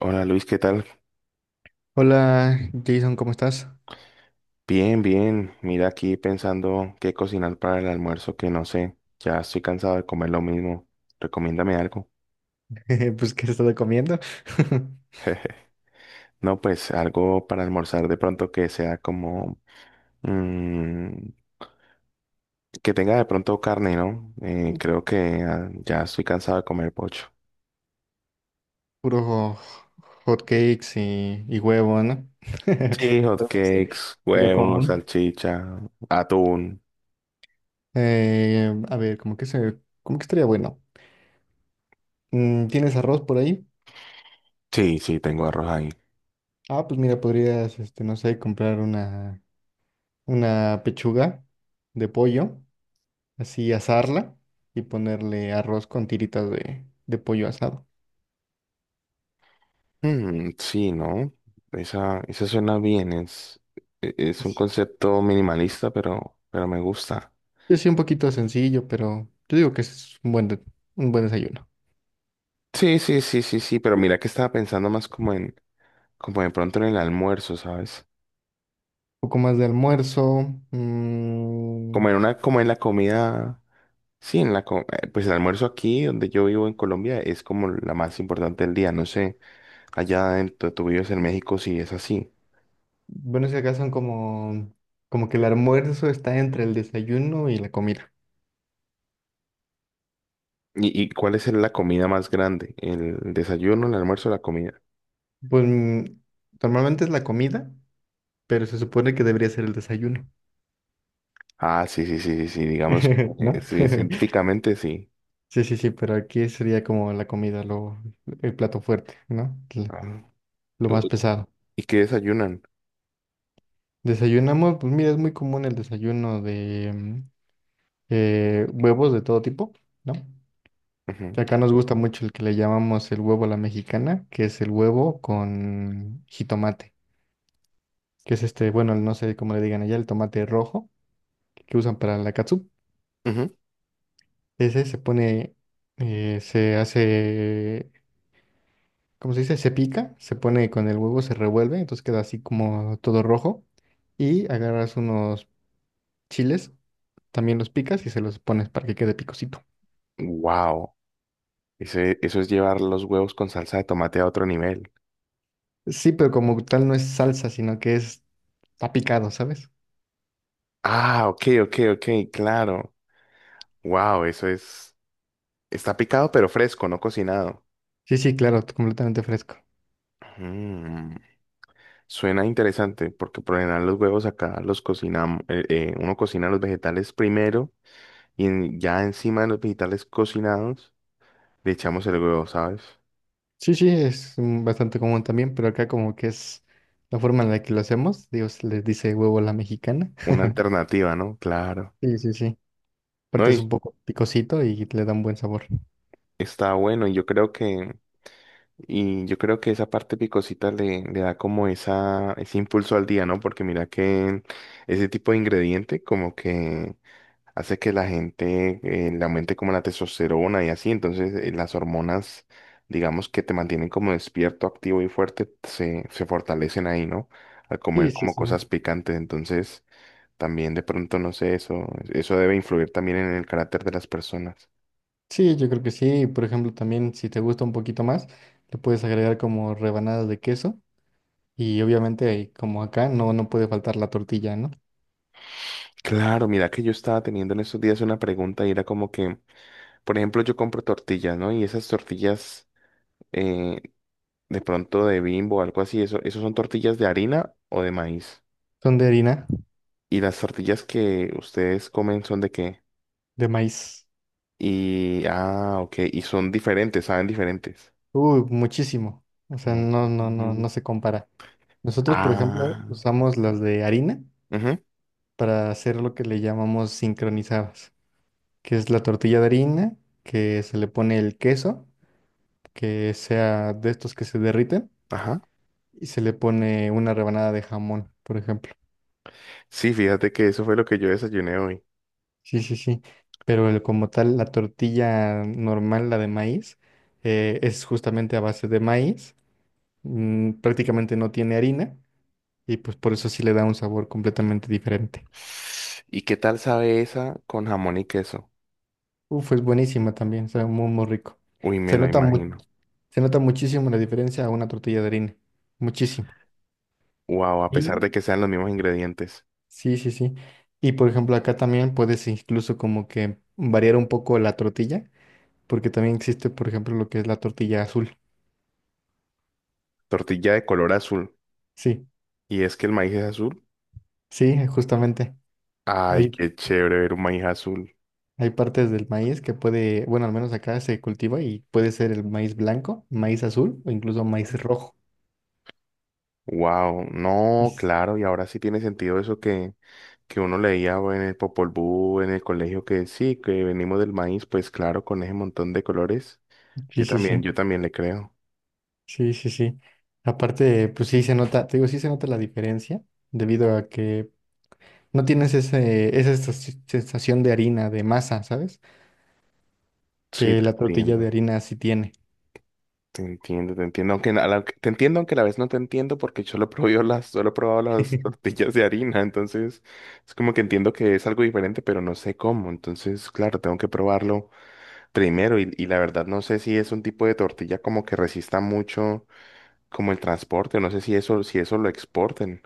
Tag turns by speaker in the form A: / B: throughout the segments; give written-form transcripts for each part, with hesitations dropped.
A: Hola Luis, ¿qué tal?
B: Hola Jason, ¿cómo estás?
A: Bien, bien. Mira, aquí pensando qué cocinar para el almuerzo, que no sé. Ya estoy cansado de comer lo mismo. Recomiéndame algo.
B: Pues, ¿qué has estado comiendo?
A: No, pues algo para almorzar de pronto que sea como mm, que tenga de pronto carne, ¿no? Creo que ya estoy cansado de comer pocho.
B: Puro hot cakes y huevo, ¿no?
A: Sí,
B: Algo así,
A: hotcakes,
B: lo
A: huevos,
B: común.
A: salchicha, atún.
B: Eh, a ver, ¿cómo que se, ¿cómo que estaría bueno? ¿Tienes arroz por ahí?
A: Sí, sí, tengo arroz ahí.
B: Ah, pues mira, podrías, este, no sé, una pechuga de pollo, así asarla y ponerle arroz con tiritas de pollo asado.
A: Mm, sí, ¿no? Esa suena bien, es, es un concepto minimalista, pero me gusta.
B: Yo sí, un poquito sencillo, pero yo digo que es un buen desayuno.
A: Sí, sí, sí, sí, sí, pero mira que estaba pensando más como en, como de pronto en el almuerzo, ¿sabes?
B: Un poco más de almuerzo.
A: Como en una, como en la comida, sí, en la, pues el almuerzo aquí donde yo vivo en Colombia es como la más importante del día, no sé, allá en tú vives en México, si es así.
B: Bueno, si acá son como, como que el almuerzo está entre el desayuno y la comida.
A: Y cuál es la comida más grande? ¿El desayuno, el almuerzo, la comida?
B: Pues normalmente es la comida, pero se supone que debería ser el desayuno,
A: Ah, sí, sí, sí, sí, sí, digamos,
B: ¿no?
A: sí, científicamente sí.
B: Sí, sí, sí, pero aquí sería como la comida, el plato fuerte, ¿no?
A: Ajá.
B: Lo
A: Yo-
B: más pesado.
A: ¿Y qué desayunan?
B: Desayunamos, pues mira, es muy común el desayuno, huevos de todo tipo, ¿no?
A: Ujú,
B: Que acá nos gusta mucho el que le llamamos el huevo a la mexicana, que es el huevo con jitomate, que es este, bueno, no sé cómo le digan allá, el tomate rojo que usan para la catsup.
A: ujú.
B: Ese se pone, se hace, ¿cómo se dice? Se pica, se pone con el huevo, se revuelve, entonces queda así como todo rojo. Y agarras unos chiles, también los picas y se los pones para que quede picosito.
A: Wow, ese, eso es llevar los huevos con salsa de tomate a otro nivel.
B: Sí, pero como tal no es salsa, sino que es está picado, ¿sabes?
A: Ah, ok, ok, ok, claro. Wow, eso es, está picado pero fresco, no cocinado.
B: Sí, sí, claro, completamente fresco.
A: Mm, suena interesante porque por lo general los huevos acá los cocinamos, uno cocina los vegetales primero y ya encima de los vegetales cocinados le echamos el huevo, ¿sabes?
B: Sí, sí, es bastante común también, pero acá como que es la forma en la que lo hacemos. Dios les dice huevo a la mexicana.
A: Una alternativa, ¿no? Claro.
B: Sí, sí, sí.
A: No,
B: Aparte es un
A: y
B: poco picosito y le da un buen sabor.
A: está bueno, y yo creo que, y yo creo que esa parte picosita le, le da como esa, ese impulso al día, ¿no? Porque mira que ese tipo de ingrediente como que hace que la gente le aumente como la testosterona y así, entonces las hormonas, digamos, que te mantienen como despierto, activo y fuerte, se fortalecen ahí, ¿no?, al
B: Sí,
A: comer
B: sí,
A: como
B: sí.
A: cosas picantes, entonces... También de pronto, no sé, eso debe influir también en el carácter de las personas.
B: Sí, yo creo que sí. Por ejemplo, también si te gusta un poquito más, le puedes agregar como rebanadas de queso. Y obviamente, como acá, no puede faltar la tortilla, ¿no?
A: Claro, mira que yo estaba teniendo en estos días una pregunta, y era como que, por ejemplo, yo compro tortillas, ¿no? Y esas tortillas eh, de pronto de Bimbo o algo así, eso, ¿eso son tortillas de harina o de maíz?
B: Son de harina,
A: Y las tortillas que ustedes comen, ¿son de qué?
B: de maíz.
A: Y, ah, ok, y son diferentes, saben diferentes.
B: Uy, muchísimo. O sea, no, no, no, no
A: Mm,
B: se compara. Nosotros, por ejemplo,
A: ah,
B: usamos las de harina
A: ujú,
B: para hacer lo que le llamamos sincronizadas, que es la tortilla de harina, que se le pone el queso, que sea de estos que se derriten,
A: ajá.
B: y se le pone una rebanada de jamón, por ejemplo.
A: Sí, fíjate que eso fue lo que yo desayuné hoy.
B: Sí, sí, sí. Como tal, la tortilla normal, la de maíz, es justamente a base de maíz, prácticamente no tiene harina, y pues por eso sí le da un sabor completamente diferente.
A: ¿Y qué tal sabe esa con jamón y queso?
B: Uf, es buenísima también, sabe muy, muy rico.
A: Uy, me
B: Se
A: lo
B: nota mu-
A: imagino.
B: Se nota muchísimo la diferencia a una tortilla de harina. Muchísimo.
A: Wow, a pesar
B: Y
A: de que sean los mismos ingredientes.
B: sí, sí, sí. Y por ejemplo, acá también puedes incluso como que variar un poco la tortilla, porque también existe, por ejemplo, lo que es la tortilla azul.
A: Tortilla de color azul.
B: Sí,
A: ¿Y es que el maíz es azul?
B: sí, justamente.
A: Ay,
B: Hay,
A: qué chévere ver un maíz azul.
B: hay partes del maíz que puede, bueno, al menos acá se cultiva y puede ser el maíz blanco, maíz azul o incluso maíz rojo.
A: Wow,
B: Y
A: no,
B: s-
A: claro, y ahora sí tiene sentido eso que uno leía en el Popol Vuh, en el colegio, que sí, que venimos del maíz, pues claro, con ese montón de colores.
B: Sí, sí, sí.
A: Yo también le creo.
B: Sí, sí, sí. Aparte, pues sí se nota, te digo, sí se nota la diferencia debido a que no tienes esa sensación de harina, de masa, ¿sabes?
A: Sí,
B: Que
A: te
B: la tortilla
A: entiendo.
B: de harina sí tiene.
A: Te entiendo, te entiendo, aunque te entiendo, aunque a la vez no te entiendo porque yo lo he probado las, solo he probado las tortillas de harina, entonces es como que entiendo que es algo diferente, pero no sé cómo, entonces claro, tengo que probarlo primero y la verdad no sé si es un tipo de tortilla como que resista mucho como el transporte, no sé si eso, si eso lo exporten.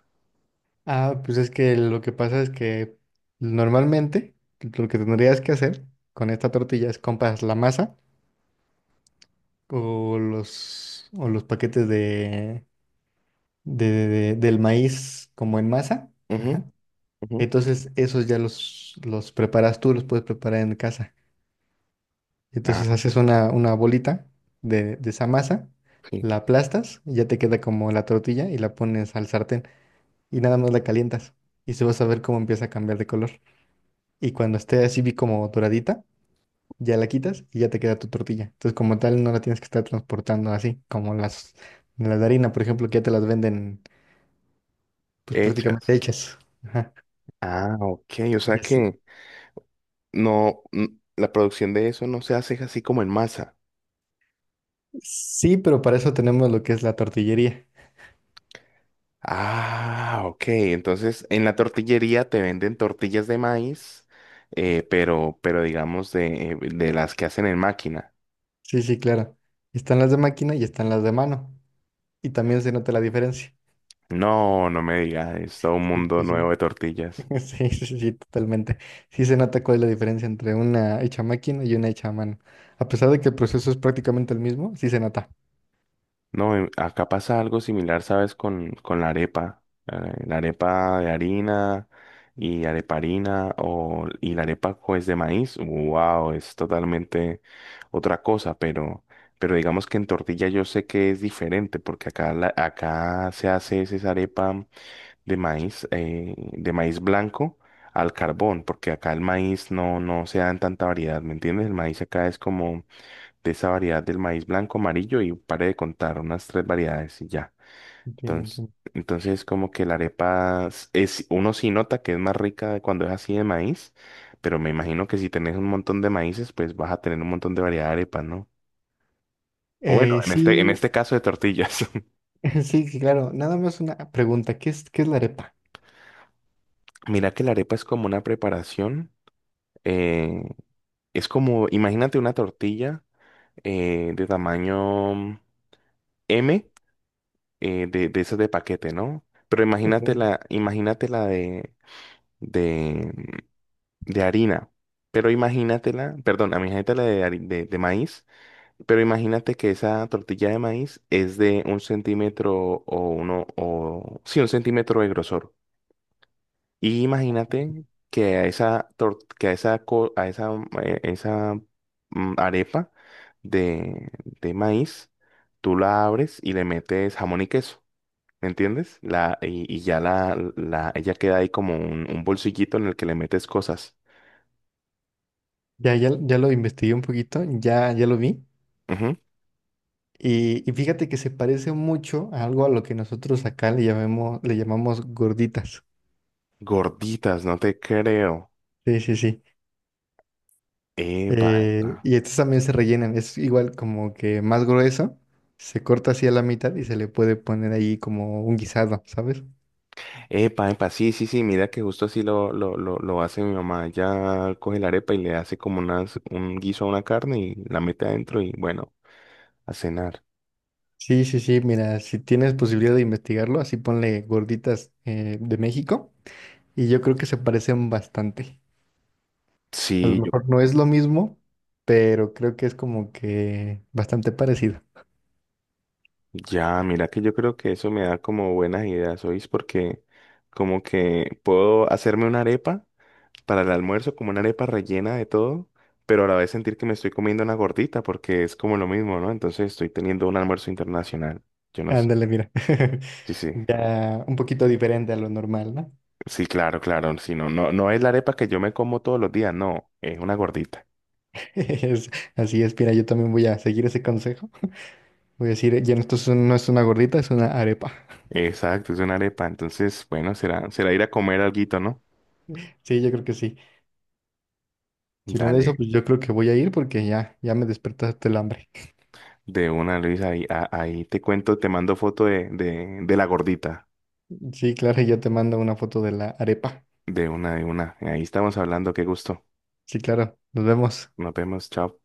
B: Ah, pues es que lo que pasa es que normalmente lo que tendrías que hacer con esta tortilla es compras la masa o los paquetes del maíz como en masa.
A: Ujú,
B: Ajá.
A: ujú.
B: Entonces esos ya los preparas tú, los puedes preparar en casa.
A: Ah,
B: Entonces haces una bolita de esa masa,
A: sí.
B: la aplastas y ya te queda como la tortilla y la pones al sartén y nada más la calientas y se vas a ver cómo empieza a cambiar de color. Y cuando esté así vi como doradita, ya la quitas y ya te queda tu tortilla. Entonces como tal no la tienes que estar transportando así como las de harina, por ejemplo, que ya te las venden pues
A: Hechas.
B: prácticamente hechas. Ajá.
A: Ah, ok, o
B: Y
A: sea
B: así-
A: que no, la producción de eso no se hace así como en masa.
B: Sí, pero para eso tenemos lo que es la tortillería.
A: Ah, ok. Entonces, en la tortillería te venden tortillas de maíz, pero digamos de las que hacen en máquina.
B: Sí, sí, claro. Están las de máquina y están las de mano. Y también se nota la diferencia.
A: No, no me digas, es todo un
B: Sí,
A: mundo
B: sí, sí.
A: nuevo de tortillas.
B: Sí, sí, sí, totalmente. Sí se nota cuál es la diferencia entre una hecha a máquina y una hecha a mano. A pesar de que el proceso es prácticamente el mismo, sí se nota.
A: No, acá pasa algo similar, ¿sabes? Con la arepa. eh, La arepa de harina y areparina o, y la arepa pues de maíz. Wow, es totalmente otra cosa, pero digamos que en tortilla yo sé que es diferente porque acá, acá se hace es esa arepa de maíz blanco al carbón, porque acá el maíz no, no se da en tanta variedad, ¿me entiendes? El maíz acá es como de esa variedad del maíz blanco, amarillo, y pare de contar unas tres variedades y ya.
B: Entiendo,
A: Entonces,
B: entiendo.
A: entonces como que la arepa es, uno sí nota que es más rica cuando es así de maíz, pero me imagino que si tenés un montón de maíces, pues vas a tener un montón de variedad de arepas, ¿no? O bueno, en
B: Sí,
A: este caso, de tortillas.
B: sí, sí, claro. Nada más una pregunta. ¿Qué es la arepa?
A: Mira que la arepa es como una preparación, eh, es como, imagínate una tortilla de tamaño M, de esas de paquete, ¿no? Pero
B: Ok.
A: imagínate la de, de harina. Pero imagínatela, perdón, imagínatela de, de maíz, pero imagínate que esa tortilla de maíz es de un centímetro o uno, o sí, un centímetro de grosor. Y imagínate que a esa, que a esa, a esa, esa arepa de, de maíz, tú la abres y le metes jamón y queso. ¿Me entiendes? La, y ya la, ella queda ahí como un bolsillito en el que le metes cosas.
B: Ya, ya, ya lo investigué un poquito, ya, ya lo vi.
A: Ujú.
B: Y fíjate que se parece mucho a algo a lo que nosotros acá le llamemos, le llamamos gorditas.
A: Gorditas, no te creo.
B: Sí, sí, sí.
A: Epa, epa.
B: Y estos también se rellenan, es igual como que más grueso, se corta así a la mitad y se le puede poner ahí como un guisado, ¿sabes?
A: Epa, epa, sí, sí, sí, mira que justo así lo hace mi mamá. Ella coge la arepa y le hace como unas, un guiso a una carne y la mete adentro y bueno, a cenar.
B: Sí, sí, sí, mira, si tienes posibilidad de investigarlo, así ponle gorditas de México y yo creo que se parecen bastante. A lo
A: Sí, yo,
B: mejor no es lo mismo, pero creo que es como que bastante parecido.
A: ya, mira que yo creo que eso me da como buenas ideas, ¿oís? Porque como que puedo hacerme una arepa para el almuerzo, como una arepa rellena de todo, pero a la vez sentir que me estoy comiendo una gordita porque es como lo mismo, ¿no? Entonces estoy teniendo un almuerzo internacional. Yo no sé.
B: Ándale, mira,
A: Sí, sí.
B: ya un poquito diferente a lo normal, ¿no?
A: Sí, claro, claro. Sí, no, no, no es la arepa que yo me como todos los días, no, es una gordita.
B: Es- Así es, mira, yo también voy a seguir ese consejo. Voy a decir, ya no, no es una gordita, es una arepa.
A: Exacto, es una arepa. Entonces, bueno, será, será ir a comer alguito, ¿no?
B: Sí, yo creo que sí. Si hablando de eso,
A: Dale.
B: pues yo creo que voy a ir porque ya, ya me despertaste el hambre.
A: De una, Luis, ahí, ahí te cuento, te mando foto de la gordita.
B: Sí, claro, ya te mando una foto de la arepa.
A: De una, de una. Ahí estamos hablando, qué gusto.
B: Sí, claro, nos vemos.
A: Nos vemos, chao.